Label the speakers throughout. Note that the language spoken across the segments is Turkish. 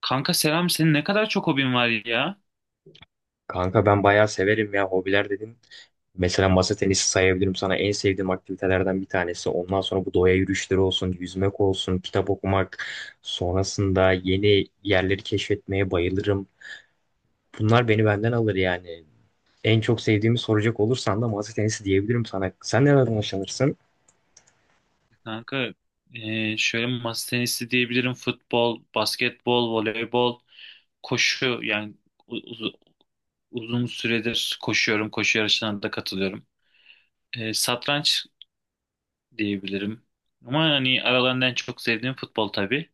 Speaker 1: Kanka selam, senin ne kadar çok hobin var ya.
Speaker 2: Kanka ben bayağı severim ya, hobiler dedim. Mesela masa tenisi sayabilirim sana, en sevdiğim aktivitelerden bir tanesi. Ondan sonra bu doğa yürüyüşleri olsun, yüzmek olsun, kitap okumak, sonrasında yeni yerleri keşfetmeye bayılırım. Bunlar beni benden alır yani. En çok sevdiğimi soracak olursan da masa tenisi diyebilirim sana. Sen nereden hoşlanırsın?
Speaker 1: Kanka şöyle masa tenisi diyebilirim. Futbol, basketbol, voleybol, koşu. Yani u- uz- uzun süredir koşuyorum. Koşu yarışlarına da katılıyorum. Satranç diyebilirim. Ama hani aralarından en çok sevdiğim futbol tabii.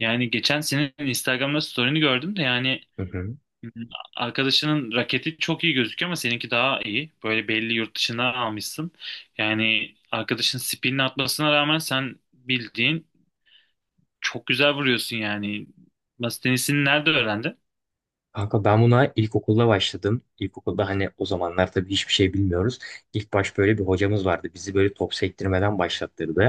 Speaker 1: Yani geçen senin Instagram'da story'ini gördüm de yani.
Speaker 2: Hı hı.
Speaker 1: Arkadaşının raketi çok iyi gözüküyor ama seninki daha iyi. Böyle belli, yurt dışına almışsın. Yani arkadaşın spinini atmasına rağmen sen bildiğin çok güzel vuruyorsun yani. Masa tenisini nerede öğrendin?
Speaker 2: Kanka ben buna ilkokulda başladım. İlkokulda hani o zamanlar tabii hiçbir şey bilmiyoruz. İlk baş böyle bir hocamız vardı. Bizi böyle top sektirmeden başlattırdı.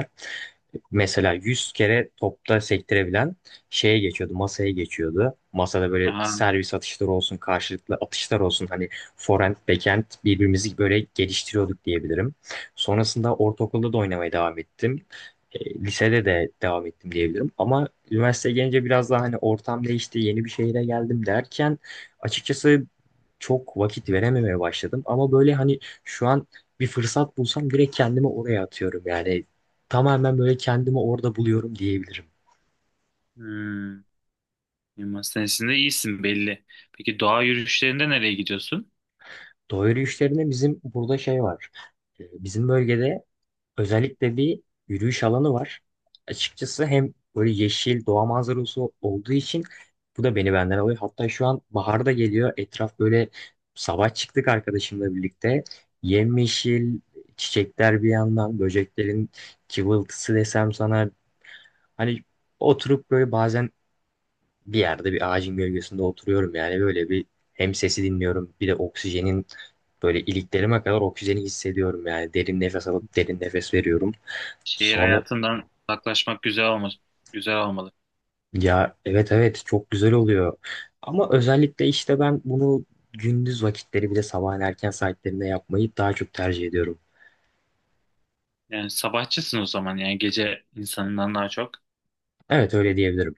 Speaker 2: Mesela 100 kere topta sektirebilen şeye geçiyordu, masaya geçiyordu. Masada böyle
Speaker 1: Aha.
Speaker 2: servis atışları olsun, karşılıklı atışlar olsun. Hani forehand, backhand birbirimizi böyle geliştiriyorduk diyebilirim. Sonrasında ortaokulda da oynamaya devam ettim. Lisede de devam ettim diyebilirim. Ama üniversiteye gelince biraz daha hani ortam değişti, yeni bir şehire geldim derken açıkçası çok vakit verememeye başladım. Ama böyle hani şu an bir fırsat bulsam direkt kendimi oraya atıyorum. Yani tamamen böyle kendimi orada buluyorum diyebilirim.
Speaker 1: Hmm. Masa tenisinde iyisin belli. Peki doğa yürüyüşlerinde nereye gidiyorsun?
Speaker 2: Doğa yürüyüşlerinde bizim burada şey var. Bizim bölgede özellikle bir yürüyüş alanı var. Açıkçası hem böyle yeşil doğa manzarası olduğu için bu da beni benden alıyor. Hatta şu an bahar da geliyor. Etraf böyle, sabah çıktık arkadaşımla birlikte. Yemyeşil çiçekler, bir yandan böceklerin cıvıltısı desem sana, hani oturup böyle bazen bir yerde bir ağacın gölgesinde oturuyorum, yani böyle bir, hem sesi dinliyorum bir de oksijenin, böyle iliklerime kadar oksijeni hissediyorum yani, derin nefes alıp derin nefes veriyorum.
Speaker 1: Şehir
Speaker 2: Sonra,
Speaker 1: hayatından uzaklaşmak güzel olmaz. Güzel olmalı.
Speaker 2: ya evet, evet çok güzel oluyor ama özellikle işte ben bunu gündüz vakitleri bir de sabahın erken saatlerinde yapmayı daha çok tercih ediyorum.
Speaker 1: Yani sabahçısın o zaman, yani gece insanından daha çok.
Speaker 2: Evet, öyle diyebilirim.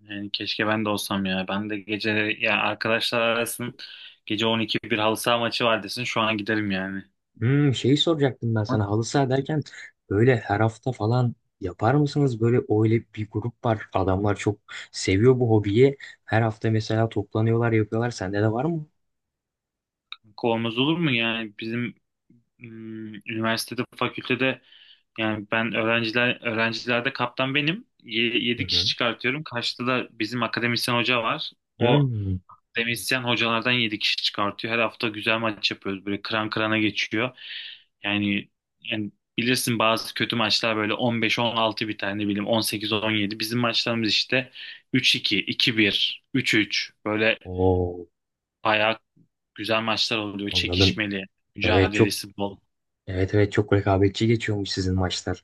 Speaker 1: Yani keşke ben de olsam ya. Ben de gece, ya arkadaşlar arasın, gece 12 bir halı saha maçı var desin, şu an giderim yani.
Speaker 2: Hmm, şeyi soracaktım ben sana, halı saha derken böyle her hafta falan yapar mısınız? Böyle öyle bir grup var, adamlar çok seviyor bu hobiyi. Her hafta mesela toplanıyorlar, yapıyorlar. Sende de var mı?
Speaker 1: Olmaz olur mu, yani bizim üniversitede, fakültede, yani ben öğrencilerde kaptan benim.
Speaker 2: Hı
Speaker 1: Yedi kişi
Speaker 2: hı.
Speaker 1: çıkartıyorum. Karşıda da bizim akademisyen hoca var. O,
Speaker 2: Hmm.
Speaker 1: demisyen hocalardan 7 kişi çıkartıyor. Her hafta güzel maç yapıyoruz. Böyle kıran kırana geçiyor. Yani, yani, bilirsin, bazı kötü maçlar böyle 15-16 biter, ne bileyim, 18-17. Bizim maçlarımız işte 3-2, 2-1, 3-3, böyle
Speaker 2: Oo,
Speaker 1: bayağı güzel maçlar oluyor.
Speaker 2: anladım.
Speaker 1: Çekişmeli,
Speaker 2: Evet çok,
Speaker 1: mücadelesi bol.
Speaker 2: evet evet çok rekabetçi geçiyormuş sizin maçlar.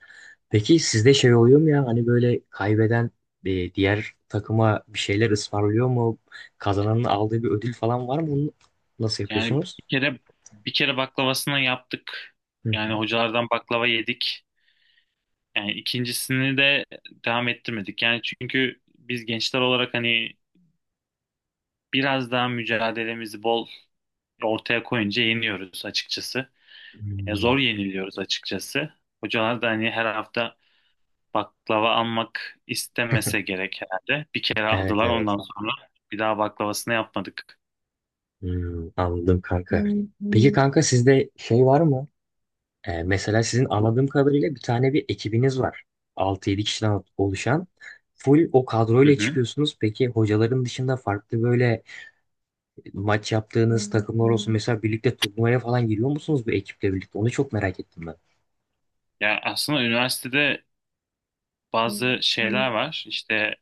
Speaker 2: Peki sizde şey oluyor mu, ya hani böyle kaybeden, diğer takıma bir şeyler ısmarlıyor mu? Kazananın aldığı bir ödül falan var mı? Bunu nasıl
Speaker 1: Yani
Speaker 2: yapıyorsunuz?
Speaker 1: bir kere baklavasını yaptık.
Speaker 2: Hı hı.
Speaker 1: Yani hocalardan baklava yedik. Yani ikincisini de devam ettirmedik. Yani çünkü biz gençler olarak hani biraz daha mücadelemizi bol ortaya koyunca yeniyoruz açıkçası. Ya zor
Speaker 2: Hmm.
Speaker 1: yeniliyoruz açıkçası. Hocalar da hani her hafta baklava almak istemese gerek herhalde. Bir kere
Speaker 2: Evet,
Speaker 1: aldılar,
Speaker 2: evet.
Speaker 1: ondan sonra bir daha baklavasını yapmadık.
Speaker 2: Hmm, anladım kanka. Peki hmm, kanka sizde şey var mı? Mesela sizin anladığım kadarıyla bir tane bir ekibiniz var, altı yedi kişiden oluşan. Full o
Speaker 1: Hı
Speaker 2: kadroyla
Speaker 1: hı.
Speaker 2: çıkıyorsunuz. Peki hocaların dışında farklı böyle maç yaptığınız takımlar olsun, mesela birlikte turnuvaya falan giriyor musunuz bu ekiple birlikte? Onu çok merak ettim ben.
Speaker 1: Ya aslında üniversitede bazı şeyler var. İşte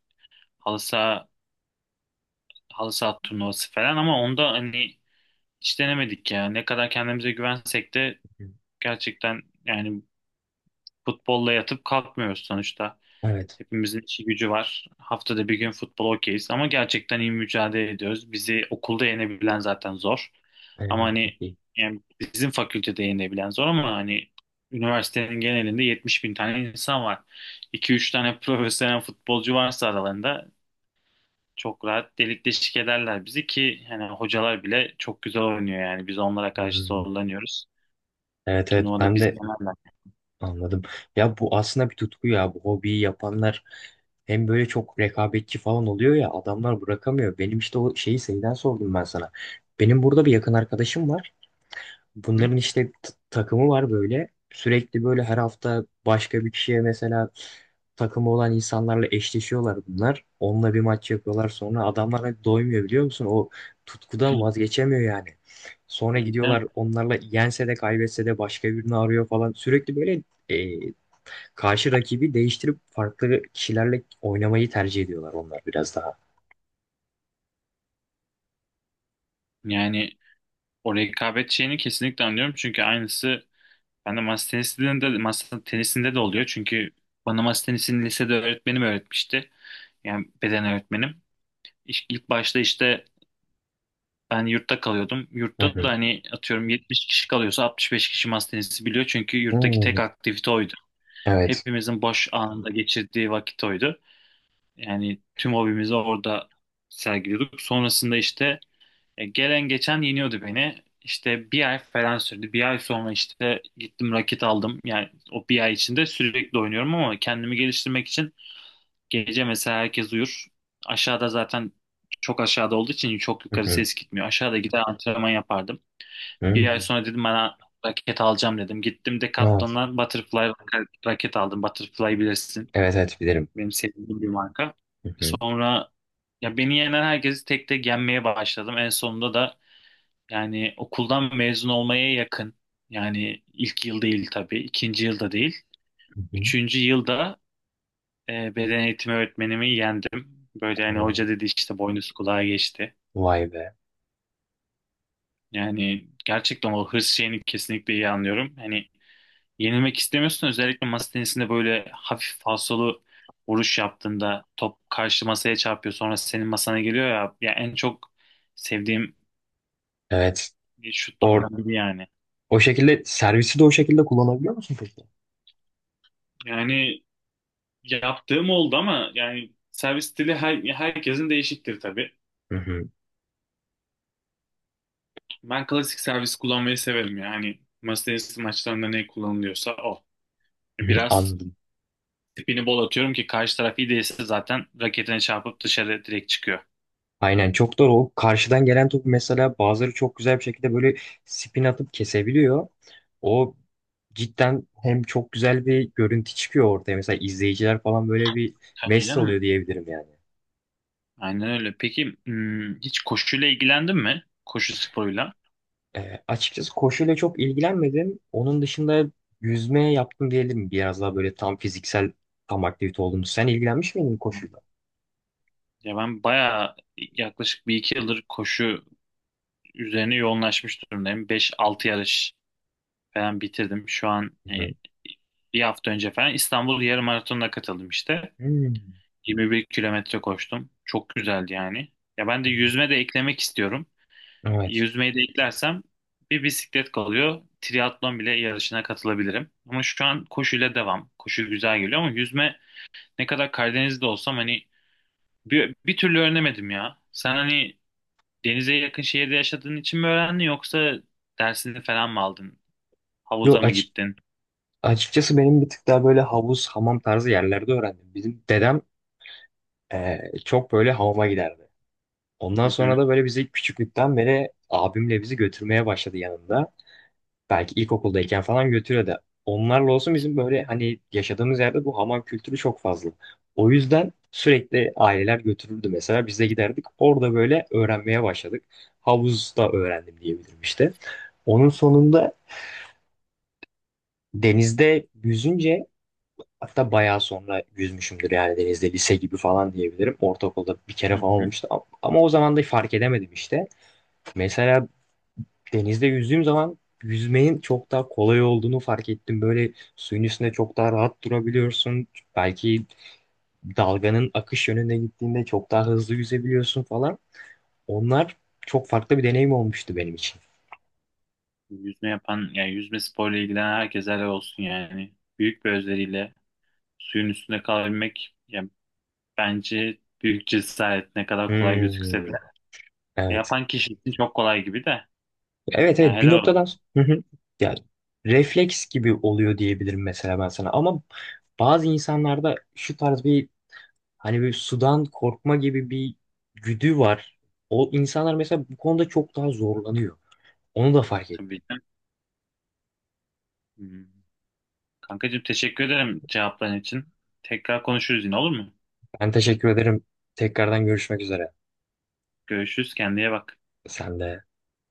Speaker 1: halı saha, halı saha turnuvası falan ama onda hani hiç denemedik ya. Ne kadar kendimize güvensek de, gerçekten yani futbolla yatıp kalkmıyoruz sonuçta.
Speaker 2: Evet.
Speaker 1: Hepimizin işi gücü var. Haftada bir gün futbol okeyiz ama gerçekten iyi mücadele ediyoruz. Bizi okulda yenebilen zaten zor. Ama
Speaker 2: Aynen, çok
Speaker 1: hani,
Speaker 2: iyi.
Speaker 1: yani bizim fakültede yenebilen zor ama hani üniversitenin genelinde 70 bin tane insan var. 2 üç tane profesyonel futbolcu varsa aralarında çok rahat delik deşik ederler bizi. Ki hani hocalar bile çok güzel oynuyor, yani biz onlara karşı
Speaker 2: Hmm.
Speaker 1: zorlanıyoruz.
Speaker 2: Evet evet,
Speaker 1: Turnuvada
Speaker 2: ben
Speaker 1: biz
Speaker 2: de.
Speaker 1: yenerler.
Speaker 2: Anladım. Ya bu aslında bir tutku ya. Bu hobiyi yapanlar hem böyle çok rekabetçi falan oluyor, ya adamlar bırakamıyor. Benim işte o şeyi şeyden sordum ben sana. Benim burada bir yakın arkadaşım var.
Speaker 1: Hı
Speaker 2: Bunların işte takımı var böyle. Sürekli böyle her hafta başka bir kişiye mesela takımı olan insanlarla eşleşiyorlar bunlar. Onunla bir maç yapıyorlar, sonra adamlar hani doymuyor biliyor musun? O tutkudan
Speaker 1: hı.
Speaker 2: vazgeçemiyor yani. Sonra
Speaker 1: Değil mi?
Speaker 2: gidiyorlar onlarla, yense de kaybetse de başka birini arıyor falan. Sürekli böyle karşı rakibi değiştirip farklı kişilerle oynamayı tercih ediyorlar onlar biraz daha.
Speaker 1: Yani o rekabet şeyini kesinlikle anlıyorum. Çünkü aynısı ben de masa tenisinde, masa tenisinde de oluyor. Çünkü bana masa tenisini lisede öğretmenim öğretmişti. Yani beden öğretmenim. İlk başta işte ben yurtta kalıyordum.
Speaker 2: Hı
Speaker 1: Yurtta da
Speaker 2: hı.
Speaker 1: hani atıyorum 70 kişi kalıyorsa 65 kişi masa tenisi biliyor. Çünkü yurttaki
Speaker 2: Hmm,
Speaker 1: tek aktivite oydu.
Speaker 2: evet.
Speaker 1: Hepimizin boş anında geçirdiği vakit oydu. Yani tüm hobimizi orada sergiliyorduk. Sonrasında işte gelen geçen yeniyordu beni. İşte bir ay falan sürdü. Bir ay sonra işte gittim, raket aldım. Yani o bir ay içinde sürekli oynuyorum ama kendimi geliştirmek için gece, mesela herkes uyur. Aşağıda, zaten çok aşağıda olduğu için çok
Speaker 2: Hı
Speaker 1: yukarı
Speaker 2: hı.
Speaker 1: ses gitmiyor. Aşağıda gider antrenman yapardım. Bir ay
Speaker 2: Hmm,
Speaker 1: sonra dedim bana raket alacağım dedim. Gittim
Speaker 2: evet.
Speaker 1: Decathlon'dan Butterfly raket aldım. Butterfly bilirsin.
Speaker 2: Evet evet, bilirim.
Speaker 1: Benim sevdiğim bir marka.
Speaker 2: Hı hı.
Speaker 1: Sonra ya beni yenen herkesi tek tek yenmeye başladım. En sonunda da, yani okuldan mezun olmaya yakın. Yani ilk yıl değil tabii, ikinci yılda değil.
Speaker 2: Hı hı.
Speaker 1: Üçüncü yılda beden eğitimi öğretmenimi yendim. Böyle hani hoca
Speaker 2: Oo,
Speaker 1: dedi işte, boynuz kulağa geçti.
Speaker 2: vay be.
Speaker 1: Yani gerçekten o hırs şeyini kesinlikle iyi anlıyorum. Hani yenilmek istemiyorsun, özellikle masa tenisinde böyle hafif falsolu vuruş yaptığında top karşı masaya çarpıyor, sonra senin masana geliyor ya. Ya en çok sevdiğim
Speaker 2: Evet. O,
Speaker 1: şutlardan biri yani.
Speaker 2: o şekilde servisi de o şekilde kullanabiliyor musun peki?
Speaker 1: Yani yaptığım oldu ama yani servis stili herkesin değişiktir tabii.
Speaker 2: Hı hı.
Speaker 1: Ben klasik servis kullanmayı severim yani. Masa tenisi maçlarında ne kullanılıyorsa o.
Speaker 2: Hı hı.
Speaker 1: Biraz
Speaker 2: Anladım.
Speaker 1: tipini bol atıyorum ki karşı taraf iyi değilse zaten raketine çarpıp dışarı direkt çıkıyor.
Speaker 2: Aynen, çok doğru. O karşıdan gelen topu mesela bazıları çok güzel bir şekilde böyle spin atıp kesebiliyor. O cidden hem çok güzel bir görüntü çıkıyor ortaya. Mesela izleyiciler falan böyle bir
Speaker 1: Tabii
Speaker 2: mest
Speaker 1: canım.
Speaker 2: oluyor diyebilirim yani.
Speaker 1: Aynen öyle. Peki hiç koşuyla ilgilendin mi? Koşu sporuyla.
Speaker 2: Açıkçası koşuyla çok ilgilenmedim. Onun dışında yüzmeye yaptım diyelim. Biraz daha böyle tam fiziksel, tam aktivite olduğunu. Sen ilgilenmiş miydin koşuyla?
Speaker 1: Ya ben bayağı, yaklaşık bir iki yıldır koşu üzerine yoğunlaşmış durumdayım. Beş altı yarış falan bitirdim. Şu an
Speaker 2: Hı.
Speaker 1: bir hafta önce falan İstanbul yarım maratonuna katıldım işte.
Speaker 2: Hmm.
Speaker 1: 21 kilometre koştum. Çok güzeldi yani. Ya ben de yüzme de eklemek istiyorum.
Speaker 2: Evet.
Speaker 1: Yüzmeyi de eklersem bir bisiklet kalıyor. Triatlon bile yarışına katılabilirim. Ama şu an koşuyla devam. Koşu güzel geliyor ama yüzme, ne kadar Karadeniz'de olsam hani bir türlü öğrenemedim ya. Sen hani denize yakın şehirde yaşadığın için mi öğrendin, yoksa dersini falan mı aldın?
Speaker 2: Yo
Speaker 1: Havuza mı
Speaker 2: açık
Speaker 1: gittin?
Speaker 2: Açıkçası benim bir tık daha böyle havuz, hamam tarzı yerlerde öğrendim. Bizim dedem çok böyle hamama giderdi. Ondan
Speaker 1: Hı
Speaker 2: sonra
Speaker 1: hı.
Speaker 2: da böyle bizi küçüklükten beri abimle bizi götürmeye başladı yanında. Belki ilkokuldayken falan götürüyordu. Onlarla olsun, bizim böyle hani yaşadığımız yerde bu hamam kültürü çok fazla. O yüzden sürekli aileler götürürdü, mesela biz de giderdik. Orada böyle öğrenmeye başladık. Havuzda öğrendim diyebilirim işte. Onun sonunda denizde yüzünce, hatta bayağı sonra yüzmüşümdür yani denizde, lise gibi falan diyebilirim. Ortaokulda bir
Speaker 1: Hı
Speaker 2: kere falan
Speaker 1: hı.
Speaker 2: olmuştu ama, ama o zaman da fark edemedim işte. Mesela denizde yüzdüğüm zaman yüzmenin çok daha kolay olduğunu fark ettim. Böyle suyun üstünde çok daha rahat durabiliyorsun. Belki dalganın akış yönüne gittiğinde çok daha hızlı yüzebiliyorsun falan. Onlar çok farklı bir deneyim olmuştu benim için.
Speaker 1: Yüzme yapan, yani yüzme sporuyla ilgilenen herkese helal olsun yani. Büyük bir özveriyle suyun üstünde kalabilmek, yani bence büyük cesaret ne kadar kolay gözükse de.
Speaker 2: Hmm, evet.
Speaker 1: Yapan kişi için çok kolay gibi de.
Speaker 2: Evet
Speaker 1: Yani
Speaker 2: evet, bir
Speaker 1: helal olsun.
Speaker 2: noktadan hı hı. Yani refleks gibi oluyor diyebilirim mesela ben sana, ama bazı insanlarda şu tarz bir, hani bir sudan korkma gibi bir güdü var. O insanlar mesela bu konuda çok daha zorlanıyor. Onu da fark
Speaker 1: Tabii
Speaker 2: ettim.
Speaker 1: ki. Hmm. Kankacığım, teşekkür ederim cevapların için. Tekrar konuşuruz, yine olur mu?
Speaker 2: Ben teşekkür ederim. Tekrardan görüşmek üzere.
Speaker 1: Görüşürüz, kendine bak.
Speaker 2: Sen de.